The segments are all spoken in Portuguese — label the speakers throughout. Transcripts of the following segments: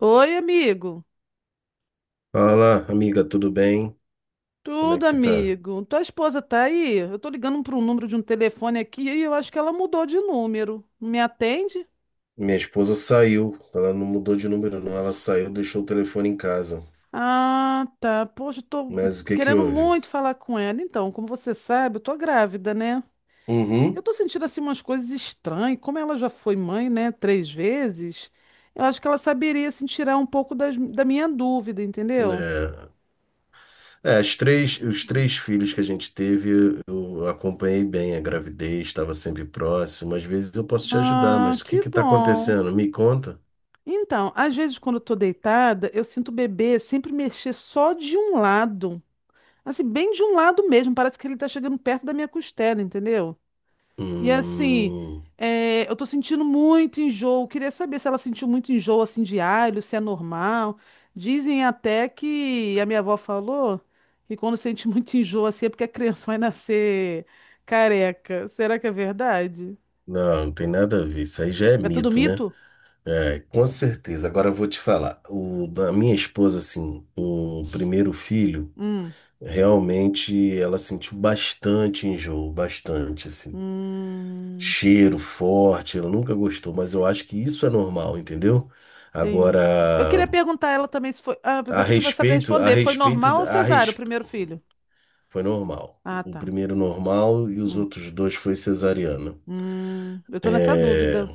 Speaker 1: Oi, amigo.
Speaker 2: Fala, amiga, tudo bem? Como é
Speaker 1: Tudo,
Speaker 2: que você tá?
Speaker 1: amigo. Tua esposa tá aí? Eu tô ligando para um número de um telefone aqui e eu acho que ela mudou de número. Não me atende?
Speaker 2: Minha esposa saiu, ela não mudou de número, não. Ela saiu, deixou o telefone em casa.
Speaker 1: Ah, tá. Poxa, eu tô
Speaker 2: Mas o que que
Speaker 1: querendo
Speaker 2: houve?
Speaker 1: muito falar com ela. Então, como você sabe, eu tô grávida, né? Eu
Speaker 2: Uhum.
Speaker 1: tô sentindo assim umas coisas estranhas. Como ela já foi mãe, né, 3 vezes, eu acho que ela saberia assim tirar um pouco da minha dúvida, entendeu?
Speaker 2: É, os três filhos que a gente teve, eu acompanhei bem a gravidez, estava sempre próximo. Às vezes eu posso te ajudar,
Speaker 1: Ah,
Speaker 2: mas o que
Speaker 1: que
Speaker 2: que tá
Speaker 1: bom.
Speaker 2: acontecendo? Me conta.
Speaker 1: Então, às vezes quando eu tô deitada, eu sinto o bebê sempre mexer só de um lado. Assim, bem de um lado mesmo, parece que ele tá chegando perto da minha costela, entendeu? E assim,
Speaker 2: Hum,
Speaker 1: eu tô sentindo muito enjoo. Queria saber se ela sentiu muito enjoo assim diário, se é normal. Dizem até que a minha avó falou que quando sente muito enjoo assim é porque a criança vai nascer careca. Será que é verdade?
Speaker 2: não, não tem nada a ver. Isso aí já é
Speaker 1: É tudo
Speaker 2: mito, né?
Speaker 1: mito?
Speaker 2: É, com certeza. Agora eu vou te falar. O da minha esposa, assim, o primeiro filho,
Speaker 1: Hum.
Speaker 2: realmente ela sentiu bastante enjoo, bastante, assim.
Speaker 1: Hum.
Speaker 2: Cheiro forte, ela nunca gostou, mas eu acho que isso é normal, entendeu?
Speaker 1: Entendi. Eu
Speaker 2: Agora,
Speaker 1: queria perguntar a ela também se foi. Ah,
Speaker 2: a
Speaker 1: apesar que você vai saber
Speaker 2: respeito, a
Speaker 1: responder. Foi
Speaker 2: respeito,
Speaker 1: normal ou
Speaker 2: a
Speaker 1: cesárea o
Speaker 2: res...
Speaker 1: primeiro filho?
Speaker 2: foi normal.
Speaker 1: Ah,
Speaker 2: O
Speaker 1: tá.
Speaker 2: primeiro normal e os
Speaker 1: Hum.
Speaker 2: outros dois foi cesariana.
Speaker 1: Eu tô nessa
Speaker 2: É,
Speaker 1: dúvida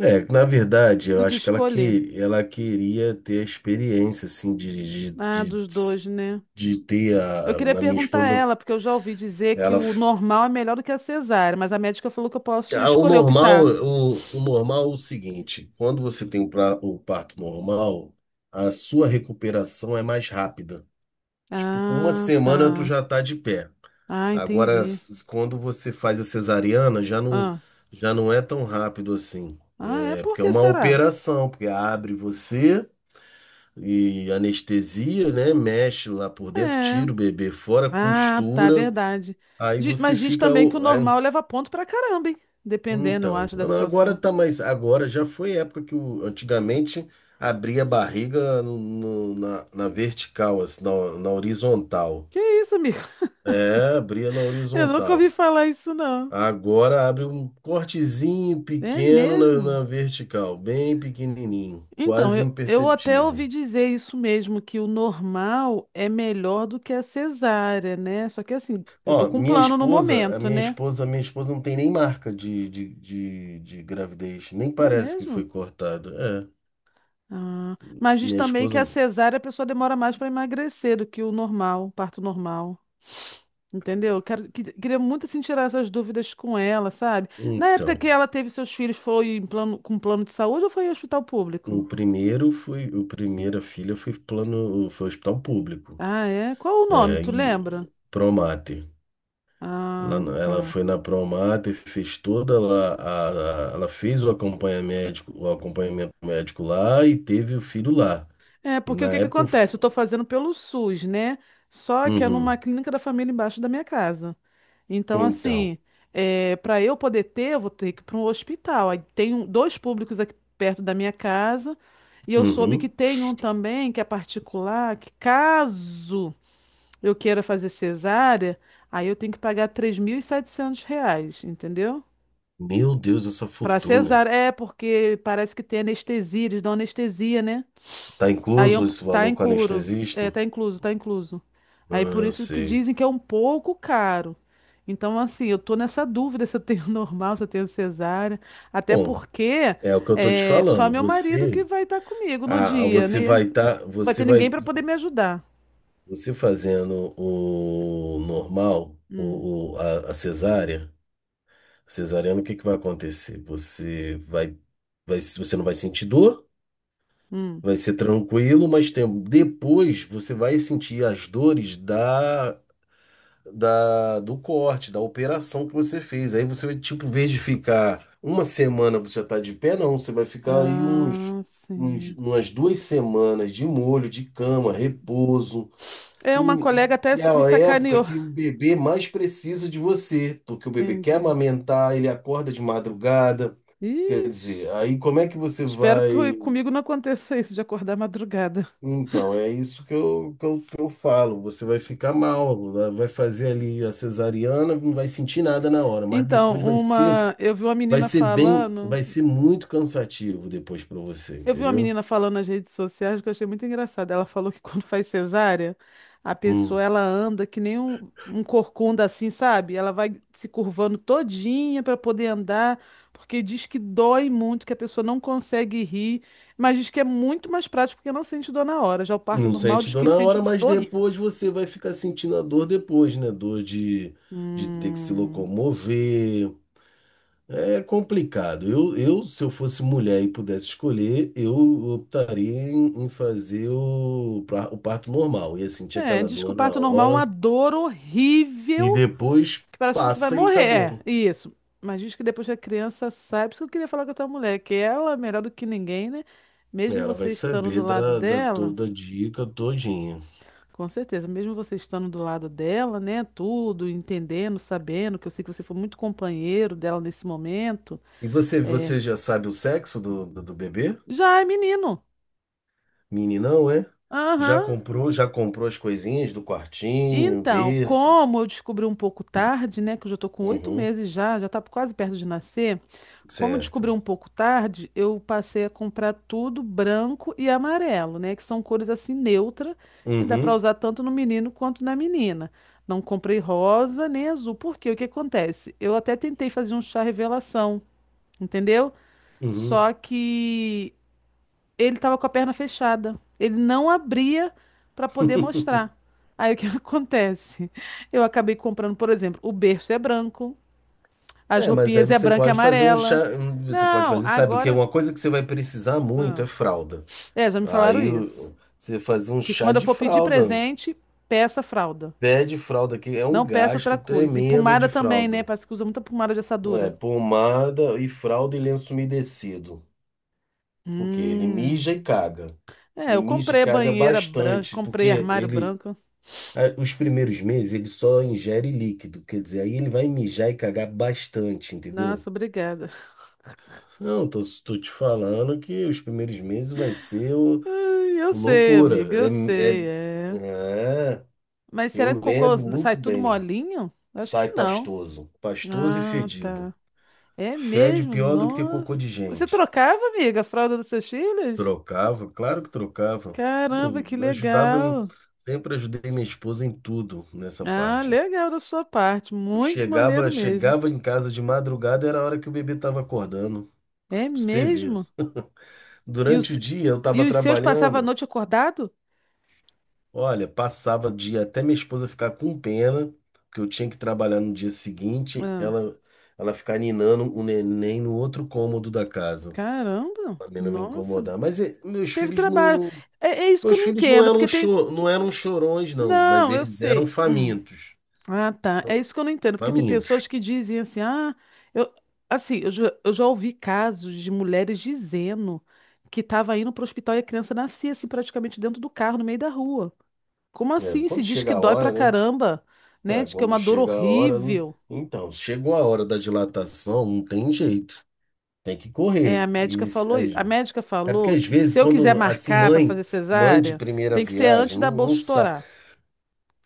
Speaker 2: Na verdade, eu
Speaker 1: do que
Speaker 2: acho que
Speaker 1: escolher.
Speaker 2: ela queria ter a experiência, assim, de,
Speaker 1: Ah,
Speaker 2: de, de,
Speaker 1: dos dois, né?
Speaker 2: de ter
Speaker 1: Eu
Speaker 2: a,
Speaker 1: queria
Speaker 2: na minha
Speaker 1: perguntar a
Speaker 2: esposa,
Speaker 1: ela, porque eu já ouvi dizer que
Speaker 2: ela,
Speaker 1: o normal é melhor do que a cesárea, mas a médica falou que eu posso
Speaker 2: ah, o
Speaker 1: escolher,
Speaker 2: normal,
Speaker 1: optar.
Speaker 2: o normal é o seguinte: quando você tem o parto normal, a sua recuperação é mais rápida. Tipo, com uma
Speaker 1: Ah,
Speaker 2: semana tu
Speaker 1: tá.
Speaker 2: já tá de pé.
Speaker 1: Ah,
Speaker 2: Agora,
Speaker 1: entendi.
Speaker 2: quando você faz a cesariana,
Speaker 1: Ah,
Speaker 2: já não é tão rápido assim.
Speaker 1: ah, é
Speaker 2: É
Speaker 1: por
Speaker 2: porque é
Speaker 1: que
Speaker 2: uma
Speaker 1: será?
Speaker 2: operação, porque abre você e anestesia, né? Mexe lá por dentro,
Speaker 1: É.
Speaker 2: tira o bebê fora,
Speaker 1: Ah, tá, é
Speaker 2: costura,
Speaker 1: verdade.
Speaker 2: aí você
Speaker 1: Mas diz
Speaker 2: fica.
Speaker 1: também que o normal leva ponto pra caramba, hein? Dependendo, eu
Speaker 2: Então,
Speaker 1: acho, da
Speaker 2: agora
Speaker 1: situação.
Speaker 2: tá mais. Agora já foi época que antigamente abria a barriga na vertical, assim, na horizontal.
Speaker 1: Que isso, amigo?
Speaker 2: É, abria na
Speaker 1: Eu nunca
Speaker 2: horizontal.
Speaker 1: ouvi falar isso, não.
Speaker 2: Agora abre um cortezinho
Speaker 1: É
Speaker 2: pequeno na,
Speaker 1: mesmo?
Speaker 2: na vertical, bem pequenininho,
Speaker 1: Então,
Speaker 2: quase
Speaker 1: eu até
Speaker 2: imperceptível.
Speaker 1: ouvi dizer isso mesmo, que o normal é melhor do que a cesárea, né? Só que assim, eu tô
Speaker 2: Ó,
Speaker 1: com
Speaker 2: minha
Speaker 1: plano no
Speaker 2: esposa, a
Speaker 1: momento,
Speaker 2: minha
Speaker 1: né?
Speaker 2: esposa, a minha esposa não tem nem marca de gravidez, nem
Speaker 1: É
Speaker 2: parece que foi
Speaker 1: mesmo?
Speaker 2: cortado. É,
Speaker 1: Ah, mas diz
Speaker 2: minha
Speaker 1: também que
Speaker 2: esposa
Speaker 1: a
Speaker 2: não.
Speaker 1: cesárea a pessoa demora mais para emagrecer do que o normal, o parto normal. Entendeu? Quero, queria muito assim, tirar essas dúvidas com ela, sabe? Na época
Speaker 2: Então,
Speaker 1: que ela teve seus filhos, foi em plano, com plano de saúde ou foi em hospital público?
Speaker 2: o primeira filha foi plano, foi hospital público.
Speaker 1: Ah, é? Qual o nome?
Speaker 2: É,
Speaker 1: Tu lembra?
Speaker 2: e Promate. Lá
Speaker 1: Ah,
Speaker 2: no- Ela
Speaker 1: tá.
Speaker 2: foi na Promate, fez toda lá, ela fez o acompanhamento médico lá e teve o filho lá.
Speaker 1: É,
Speaker 2: E
Speaker 1: porque
Speaker 2: na
Speaker 1: o que que
Speaker 2: época,
Speaker 1: acontece? Eu estou fazendo pelo SUS, né? Só que é numa
Speaker 2: uhum.
Speaker 1: clínica da família embaixo da minha casa. Então,
Speaker 2: Então,
Speaker 1: assim, para eu poder ter, eu vou ter que ir para um hospital. Aí tem dois públicos aqui perto da minha casa. E eu soube que
Speaker 2: uhum.
Speaker 1: tem um também, que é particular, que caso eu queira fazer cesárea, aí eu tenho que pagar R$ 3.700, entendeu?
Speaker 2: Meu Deus, essa
Speaker 1: Para
Speaker 2: fortuna.
Speaker 1: cesárea, é porque parece que tem anestesia, eles dão anestesia, né?
Speaker 2: Tá
Speaker 1: Aí é um,
Speaker 2: incluso esse
Speaker 1: tá
Speaker 2: valor com
Speaker 1: incuro. É,
Speaker 2: anestesista?
Speaker 1: tá incluso, tá incluso. Aí por
Speaker 2: Ah,
Speaker 1: isso que
Speaker 2: sei.
Speaker 1: dizem que é um pouco caro. Então, assim, eu tô nessa dúvida se eu tenho normal, se eu tenho cesárea. Até
Speaker 2: Bom,
Speaker 1: porque
Speaker 2: é o que eu tô te
Speaker 1: é, só
Speaker 2: falando.
Speaker 1: meu marido
Speaker 2: Você,
Speaker 1: que vai estar comigo no
Speaker 2: ah,
Speaker 1: dia,
Speaker 2: você
Speaker 1: né?
Speaker 2: vai estar,
Speaker 1: Não vai
Speaker 2: você
Speaker 1: ter
Speaker 2: vai,
Speaker 1: ninguém para poder me ajudar.
Speaker 2: você fazendo o normal,
Speaker 1: Hum,
Speaker 2: a cesárea, cesariana, o que que vai acontecer? Você não vai sentir dor,
Speaker 1: hum.
Speaker 2: vai ser tranquilo, mas tem, depois você vai sentir as dores da do corte, da operação que você fez. Aí você vai, tipo, em vez de ficar uma semana você já tá de pé, não. Você vai ficar aí uns,
Speaker 1: Ah,
Speaker 2: uns,
Speaker 1: sim.
Speaker 2: umas 2 semanas de molho, de cama, repouso.
Speaker 1: É, uma
Speaker 2: E,
Speaker 1: colega até
Speaker 2: e é
Speaker 1: me
Speaker 2: a época
Speaker 1: sacaneou.
Speaker 2: que o bebê mais precisa de você, porque o bebê quer
Speaker 1: Entendi.
Speaker 2: amamentar, ele acorda de madrugada. Quer dizer,
Speaker 1: Ixi,
Speaker 2: aí como é que você
Speaker 1: espero que
Speaker 2: vai.
Speaker 1: comigo não aconteça isso de acordar madrugada.
Speaker 2: Então, é isso que eu falo. Você vai ficar mal, né? Vai fazer ali a cesariana, não vai sentir nada na hora, mas depois
Speaker 1: Então,
Speaker 2: vai ser, vai ser bem, vai ser muito cansativo depois para você,
Speaker 1: eu vi uma
Speaker 2: entendeu?
Speaker 1: menina falando nas redes sociais que eu achei muito engraçado. Ela falou que quando faz cesárea, a
Speaker 2: Hum.
Speaker 1: pessoa ela anda que nem um corcunda assim, sabe? Ela vai se curvando todinha para poder andar, porque diz que dói muito, que a pessoa não consegue rir, mas diz que é muito mais prático porque não sente dor na hora. Já o parto
Speaker 2: Não
Speaker 1: normal
Speaker 2: sente
Speaker 1: diz
Speaker 2: dor
Speaker 1: que
Speaker 2: na
Speaker 1: sente
Speaker 2: hora,
Speaker 1: uma
Speaker 2: mas
Speaker 1: dor horrível.
Speaker 2: depois você vai ficar sentindo a dor depois, né? Dor de ter que se
Speaker 1: Hum.
Speaker 2: locomover. É complicado. Se eu fosse mulher e pudesse escolher, eu optaria em fazer o parto normal. Ia sentir
Speaker 1: É,
Speaker 2: aquela
Speaker 1: diz que o
Speaker 2: dor na
Speaker 1: parto normal é uma
Speaker 2: hora
Speaker 1: dor
Speaker 2: e
Speaker 1: horrível.
Speaker 2: depois
Speaker 1: Que parece que você vai
Speaker 2: passa e
Speaker 1: morrer.
Speaker 2: acabou.
Speaker 1: É, isso. Mas diz que depois que a criança sai, por isso que eu queria falar com a tua mulher, que ela é melhor do que ninguém, né?
Speaker 2: É,
Speaker 1: Mesmo
Speaker 2: ela vai
Speaker 1: você estando
Speaker 2: saber
Speaker 1: do lado
Speaker 2: da
Speaker 1: dela,
Speaker 2: toda a dica todinha.
Speaker 1: com certeza, mesmo você estando do lado dela, né? Tudo, entendendo, sabendo, que eu sei que você foi muito companheiro dela nesse momento,
Speaker 2: E você já sabe o sexo do bebê?
Speaker 1: já é menino.
Speaker 2: Meninão, é? Já
Speaker 1: Aham.
Speaker 2: comprou, já comprou as coisinhas do quartinho,
Speaker 1: Então,
Speaker 2: berço?
Speaker 1: como eu descobri um pouco tarde, né? Que eu já tô com oito
Speaker 2: Uhum,
Speaker 1: meses já, já tá quase perto de nascer. Como descobri um
Speaker 2: certo.
Speaker 1: pouco tarde, eu passei a comprar tudo branco e amarelo, né? Que são cores assim neutras, que dá para
Speaker 2: Uhum,
Speaker 1: usar tanto no menino quanto na menina. Não comprei rosa nem azul, porque o que acontece? Eu até tentei fazer um chá revelação, entendeu?
Speaker 2: uhum.
Speaker 1: Só que ele tava com a perna fechada. Ele não abria para poder mostrar. Aí o que acontece? Eu acabei comprando, por exemplo, o berço é branco, as
Speaker 2: É, mas aí
Speaker 1: roupinhas é
Speaker 2: você
Speaker 1: branca e
Speaker 2: pode fazer um
Speaker 1: amarela.
Speaker 2: chá, você pode
Speaker 1: Não,
Speaker 2: fazer, sabe o que?
Speaker 1: agora.
Speaker 2: Uma coisa que você vai precisar muito
Speaker 1: Ah.
Speaker 2: é fralda.
Speaker 1: É, já me falaram isso.
Speaker 2: Você fazer um
Speaker 1: Que
Speaker 2: chá
Speaker 1: quando eu
Speaker 2: de
Speaker 1: for pedir
Speaker 2: fralda,
Speaker 1: presente, peça fralda.
Speaker 2: pé de fralda, que é um
Speaker 1: Não peça
Speaker 2: gasto
Speaker 1: outra coisa. E
Speaker 2: tremendo de
Speaker 1: pomada também, né?
Speaker 2: fralda.
Speaker 1: Parece que usa muita pomada de
Speaker 2: É,
Speaker 1: assadura.
Speaker 2: pomada e fralda e lenço umedecido, porque ele mija
Speaker 1: Hum.
Speaker 2: e caga.
Speaker 1: É,
Speaker 2: E
Speaker 1: eu
Speaker 2: mija e
Speaker 1: comprei
Speaker 2: caga
Speaker 1: banheira branca,
Speaker 2: bastante,
Speaker 1: comprei
Speaker 2: porque
Speaker 1: armário branco.
Speaker 2: os primeiros meses ele só ingere líquido, quer dizer, aí ele vai mijar e cagar bastante, entendeu?
Speaker 1: Nossa, obrigada.
Speaker 2: Não, tô te falando que os primeiros meses vai ser
Speaker 1: Ai, eu sei,
Speaker 2: loucura.
Speaker 1: amiga, eu sei, é.
Speaker 2: É, é,
Speaker 1: Mas
Speaker 2: eu
Speaker 1: será que o cocô
Speaker 2: lembro
Speaker 1: sai
Speaker 2: muito
Speaker 1: tudo
Speaker 2: bem.
Speaker 1: molinho? Acho que
Speaker 2: Sai
Speaker 1: não.
Speaker 2: pastoso, pastoso e
Speaker 1: Ah,
Speaker 2: fedido.
Speaker 1: tá. É
Speaker 2: Fede
Speaker 1: mesmo?
Speaker 2: pior do que cocô
Speaker 1: Nossa.
Speaker 2: de
Speaker 1: Você
Speaker 2: gente.
Speaker 1: trocava, amiga, a fralda dos seus filhos?
Speaker 2: Trocava, claro que trocava.
Speaker 1: Caramba,
Speaker 2: Eu
Speaker 1: que
Speaker 2: ajudava,
Speaker 1: legal.
Speaker 2: sempre ajudei minha esposa em tudo nessa
Speaker 1: Ah,
Speaker 2: parte.
Speaker 1: legal da sua parte.
Speaker 2: Eu
Speaker 1: Muito
Speaker 2: chegava,
Speaker 1: maneiro mesmo.
Speaker 2: chegava em casa de madrugada, era a hora que o bebê estava acordando. Pra
Speaker 1: É
Speaker 2: você ver.
Speaker 1: mesmo? E,
Speaker 2: Durante o
Speaker 1: os
Speaker 2: dia eu
Speaker 1: e
Speaker 2: estava
Speaker 1: os seus passavam a
Speaker 2: trabalhando.
Speaker 1: noite acordado?
Speaker 2: Olha, passava dia até minha esposa ficar com pena, porque eu tinha que trabalhar no dia seguinte,
Speaker 1: Ah,
Speaker 2: ela ficar ninando o neném no outro cômodo da casa,
Speaker 1: caramba!
Speaker 2: pra mim não me
Speaker 1: Nossa,
Speaker 2: incomodar. Mas eh, meus
Speaker 1: teve
Speaker 2: filhos não,
Speaker 1: trabalho.
Speaker 2: não-
Speaker 1: É, é isso que eu
Speaker 2: meus
Speaker 1: não
Speaker 2: filhos não
Speaker 1: entendo,
Speaker 2: eram
Speaker 1: porque tem.
Speaker 2: cho- não eram chorões não, mas
Speaker 1: Não, eu
Speaker 2: eles eram
Speaker 1: sei. Hum.
Speaker 2: famintos.
Speaker 1: Ah, tá. É
Speaker 2: Só-
Speaker 1: isso que eu não entendo, porque tem
Speaker 2: famintos.
Speaker 1: pessoas que dizem assim, ah, eu. Assim, eu já ouvi casos de mulheres dizendo que estava indo para o hospital e a criança nascia assim praticamente dentro do carro, no meio da rua. Como
Speaker 2: É,
Speaker 1: assim? Se
Speaker 2: quando
Speaker 1: diz que
Speaker 2: chega a
Speaker 1: dói pra
Speaker 2: hora, né?
Speaker 1: caramba, né?
Speaker 2: Ah,
Speaker 1: Diz que é
Speaker 2: quando
Speaker 1: uma dor
Speaker 2: chega a hora,
Speaker 1: horrível.
Speaker 2: então, chegou a hora da dilatação, não tem jeito. Tem que
Speaker 1: É,
Speaker 2: correr. E,
Speaker 1: a médica
Speaker 2: é porque
Speaker 1: falou
Speaker 2: às
Speaker 1: que
Speaker 2: vezes
Speaker 1: se eu quiser
Speaker 2: quando assim
Speaker 1: marcar para
Speaker 2: mãe,
Speaker 1: fazer
Speaker 2: mãe de
Speaker 1: cesárea,
Speaker 2: primeira
Speaker 1: tem que ser antes
Speaker 2: viagem,
Speaker 1: da
Speaker 2: não, não
Speaker 1: bolsa
Speaker 2: sa-
Speaker 1: estourar.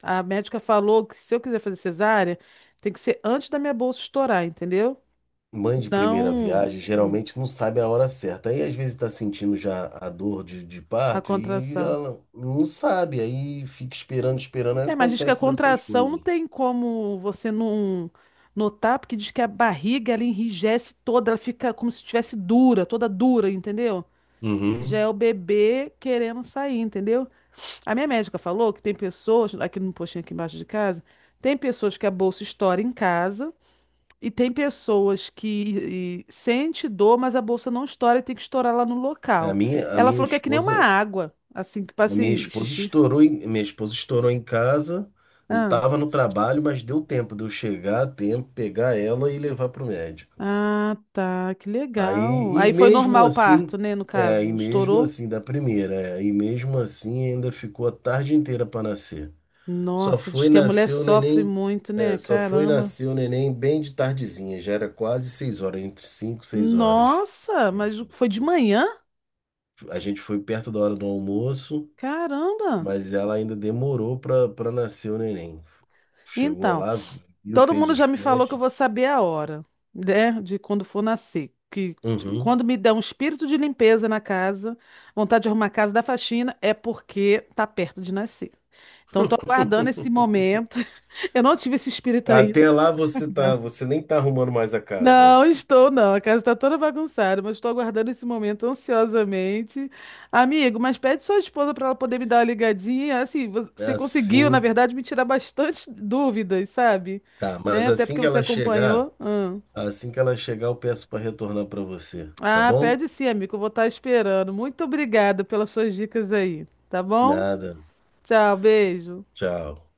Speaker 1: A médica falou que se eu quiser fazer cesárea, tem que ser antes da minha bolsa estourar, entendeu?
Speaker 2: mãe de primeira
Speaker 1: Não,
Speaker 2: viagem
Speaker 1: hum,
Speaker 2: geralmente não sabe a hora certa. Aí às vezes está sentindo já a dor de
Speaker 1: a
Speaker 2: parto e
Speaker 1: contração.
Speaker 2: ela não sabe, aí fica esperando, esperando, aí
Speaker 1: É, mas diz que a
Speaker 2: acontece dessas
Speaker 1: contração não
Speaker 2: coisas.
Speaker 1: tem como você não notar, porque diz que a barriga ela enrijece toda, ela fica como se estivesse dura, toda dura, entendeu? Que já é
Speaker 2: Uhum.
Speaker 1: o bebê querendo sair, entendeu? A minha médica falou que tem pessoas, aqui no postinho aqui embaixo de casa, tem pessoas que a bolsa estoura em casa e tem pessoas que sente dor, mas a bolsa não estoura e tem que estourar lá no
Speaker 2: A
Speaker 1: local.
Speaker 2: minha, a
Speaker 1: Ela
Speaker 2: minha
Speaker 1: falou que é que nem uma
Speaker 2: esposa,
Speaker 1: água, assim, que
Speaker 2: a
Speaker 1: passa
Speaker 2: minha esposa
Speaker 1: xixi.
Speaker 2: estourou em casa. Eu
Speaker 1: Ah,
Speaker 2: tava no trabalho, mas deu tempo de eu chegar a tempo, pegar ela e levar pro médico.
Speaker 1: ah, tá, que legal.
Speaker 2: Aí,
Speaker 1: Aí foi normal o parto, né, no
Speaker 2: é, e
Speaker 1: caso?
Speaker 2: mesmo
Speaker 1: Estourou?
Speaker 2: assim, da primeira, e mesmo assim ainda ficou a tarde inteira para nascer. Só
Speaker 1: Nossa, diz
Speaker 2: foi
Speaker 1: que a mulher
Speaker 2: nascer o
Speaker 1: sofre
Speaker 2: neném,
Speaker 1: muito,
Speaker 2: é,
Speaker 1: né?
Speaker 2: só foi
Speaker 1: Caramba.
Speaker 2: nascer o neném bem de tardezinha, já era quase 6 horas, entre 5 e 6 horas.
Speaker 1: Nossa,
Speaker 2: Minha
Speaker 1: mas
Speaker 2: filha.
Speaker 1: foi de manhã?
Speaker 2: A gente foi perto da hora do almoço,
Speaker 1: Caramba!
Speaker 2: mas ela ainda demorou para nascer o neném. Chegou
Speaker 1: Então,
Speaker 2: lá, viu,
Speaker 1: todo
Speaker 2: fez
Speaker 1: mundo já
Speaker 2: os
Speaker 1: me falou que eu
Speaker 2: testes.
Speaker 1: vou saber a hora, né, de quando for nascer. Que
Speaker 2: Uhum.
Speaker 1: quando me dá um espírito de limpeza na casa, vontade de arrumar a casa da faxina, é porque tá perto de nascer. Então, tô aguardando esse momento. Eu não tive esse espírito ainda.
Speaker 2: Até lá você tá, você nem tá arrumando mais a casa.
Speaker 1: Não, estou não. A casa está toda bagunçada, mas estou aguardando esse momento ansiosamente. Amigo, mas pede sua esposa para ela poder me dar uma ligadinha. Assim, você conseguiu, na
Speaker 2: Assim,
Speaker 1: verdade, me tirar bastante dúvidas, sabe?
Speaker 2: tá. Mas
Speaker 1: Né? Até
Speaker 2: assim
Speaker 1: porque
Speaker 2: que
Speaker 1: você
Speaker 2: ela chegar,
Speaker 1: acompanhou. Hum.
Speaker 2: assim que ela chegar, eu peço para retornar para você, tá
Speaker 1: Ah,
Speaker 2: bom?
Speaker 1: pede sim, amigo. Eu vou estar esperando. Muito obrigada pelas suas dicas aí, tá bom?
Speaker 2: Nada.
Speaker 1: Tchau, beijo.
Speaker 2: Tchau.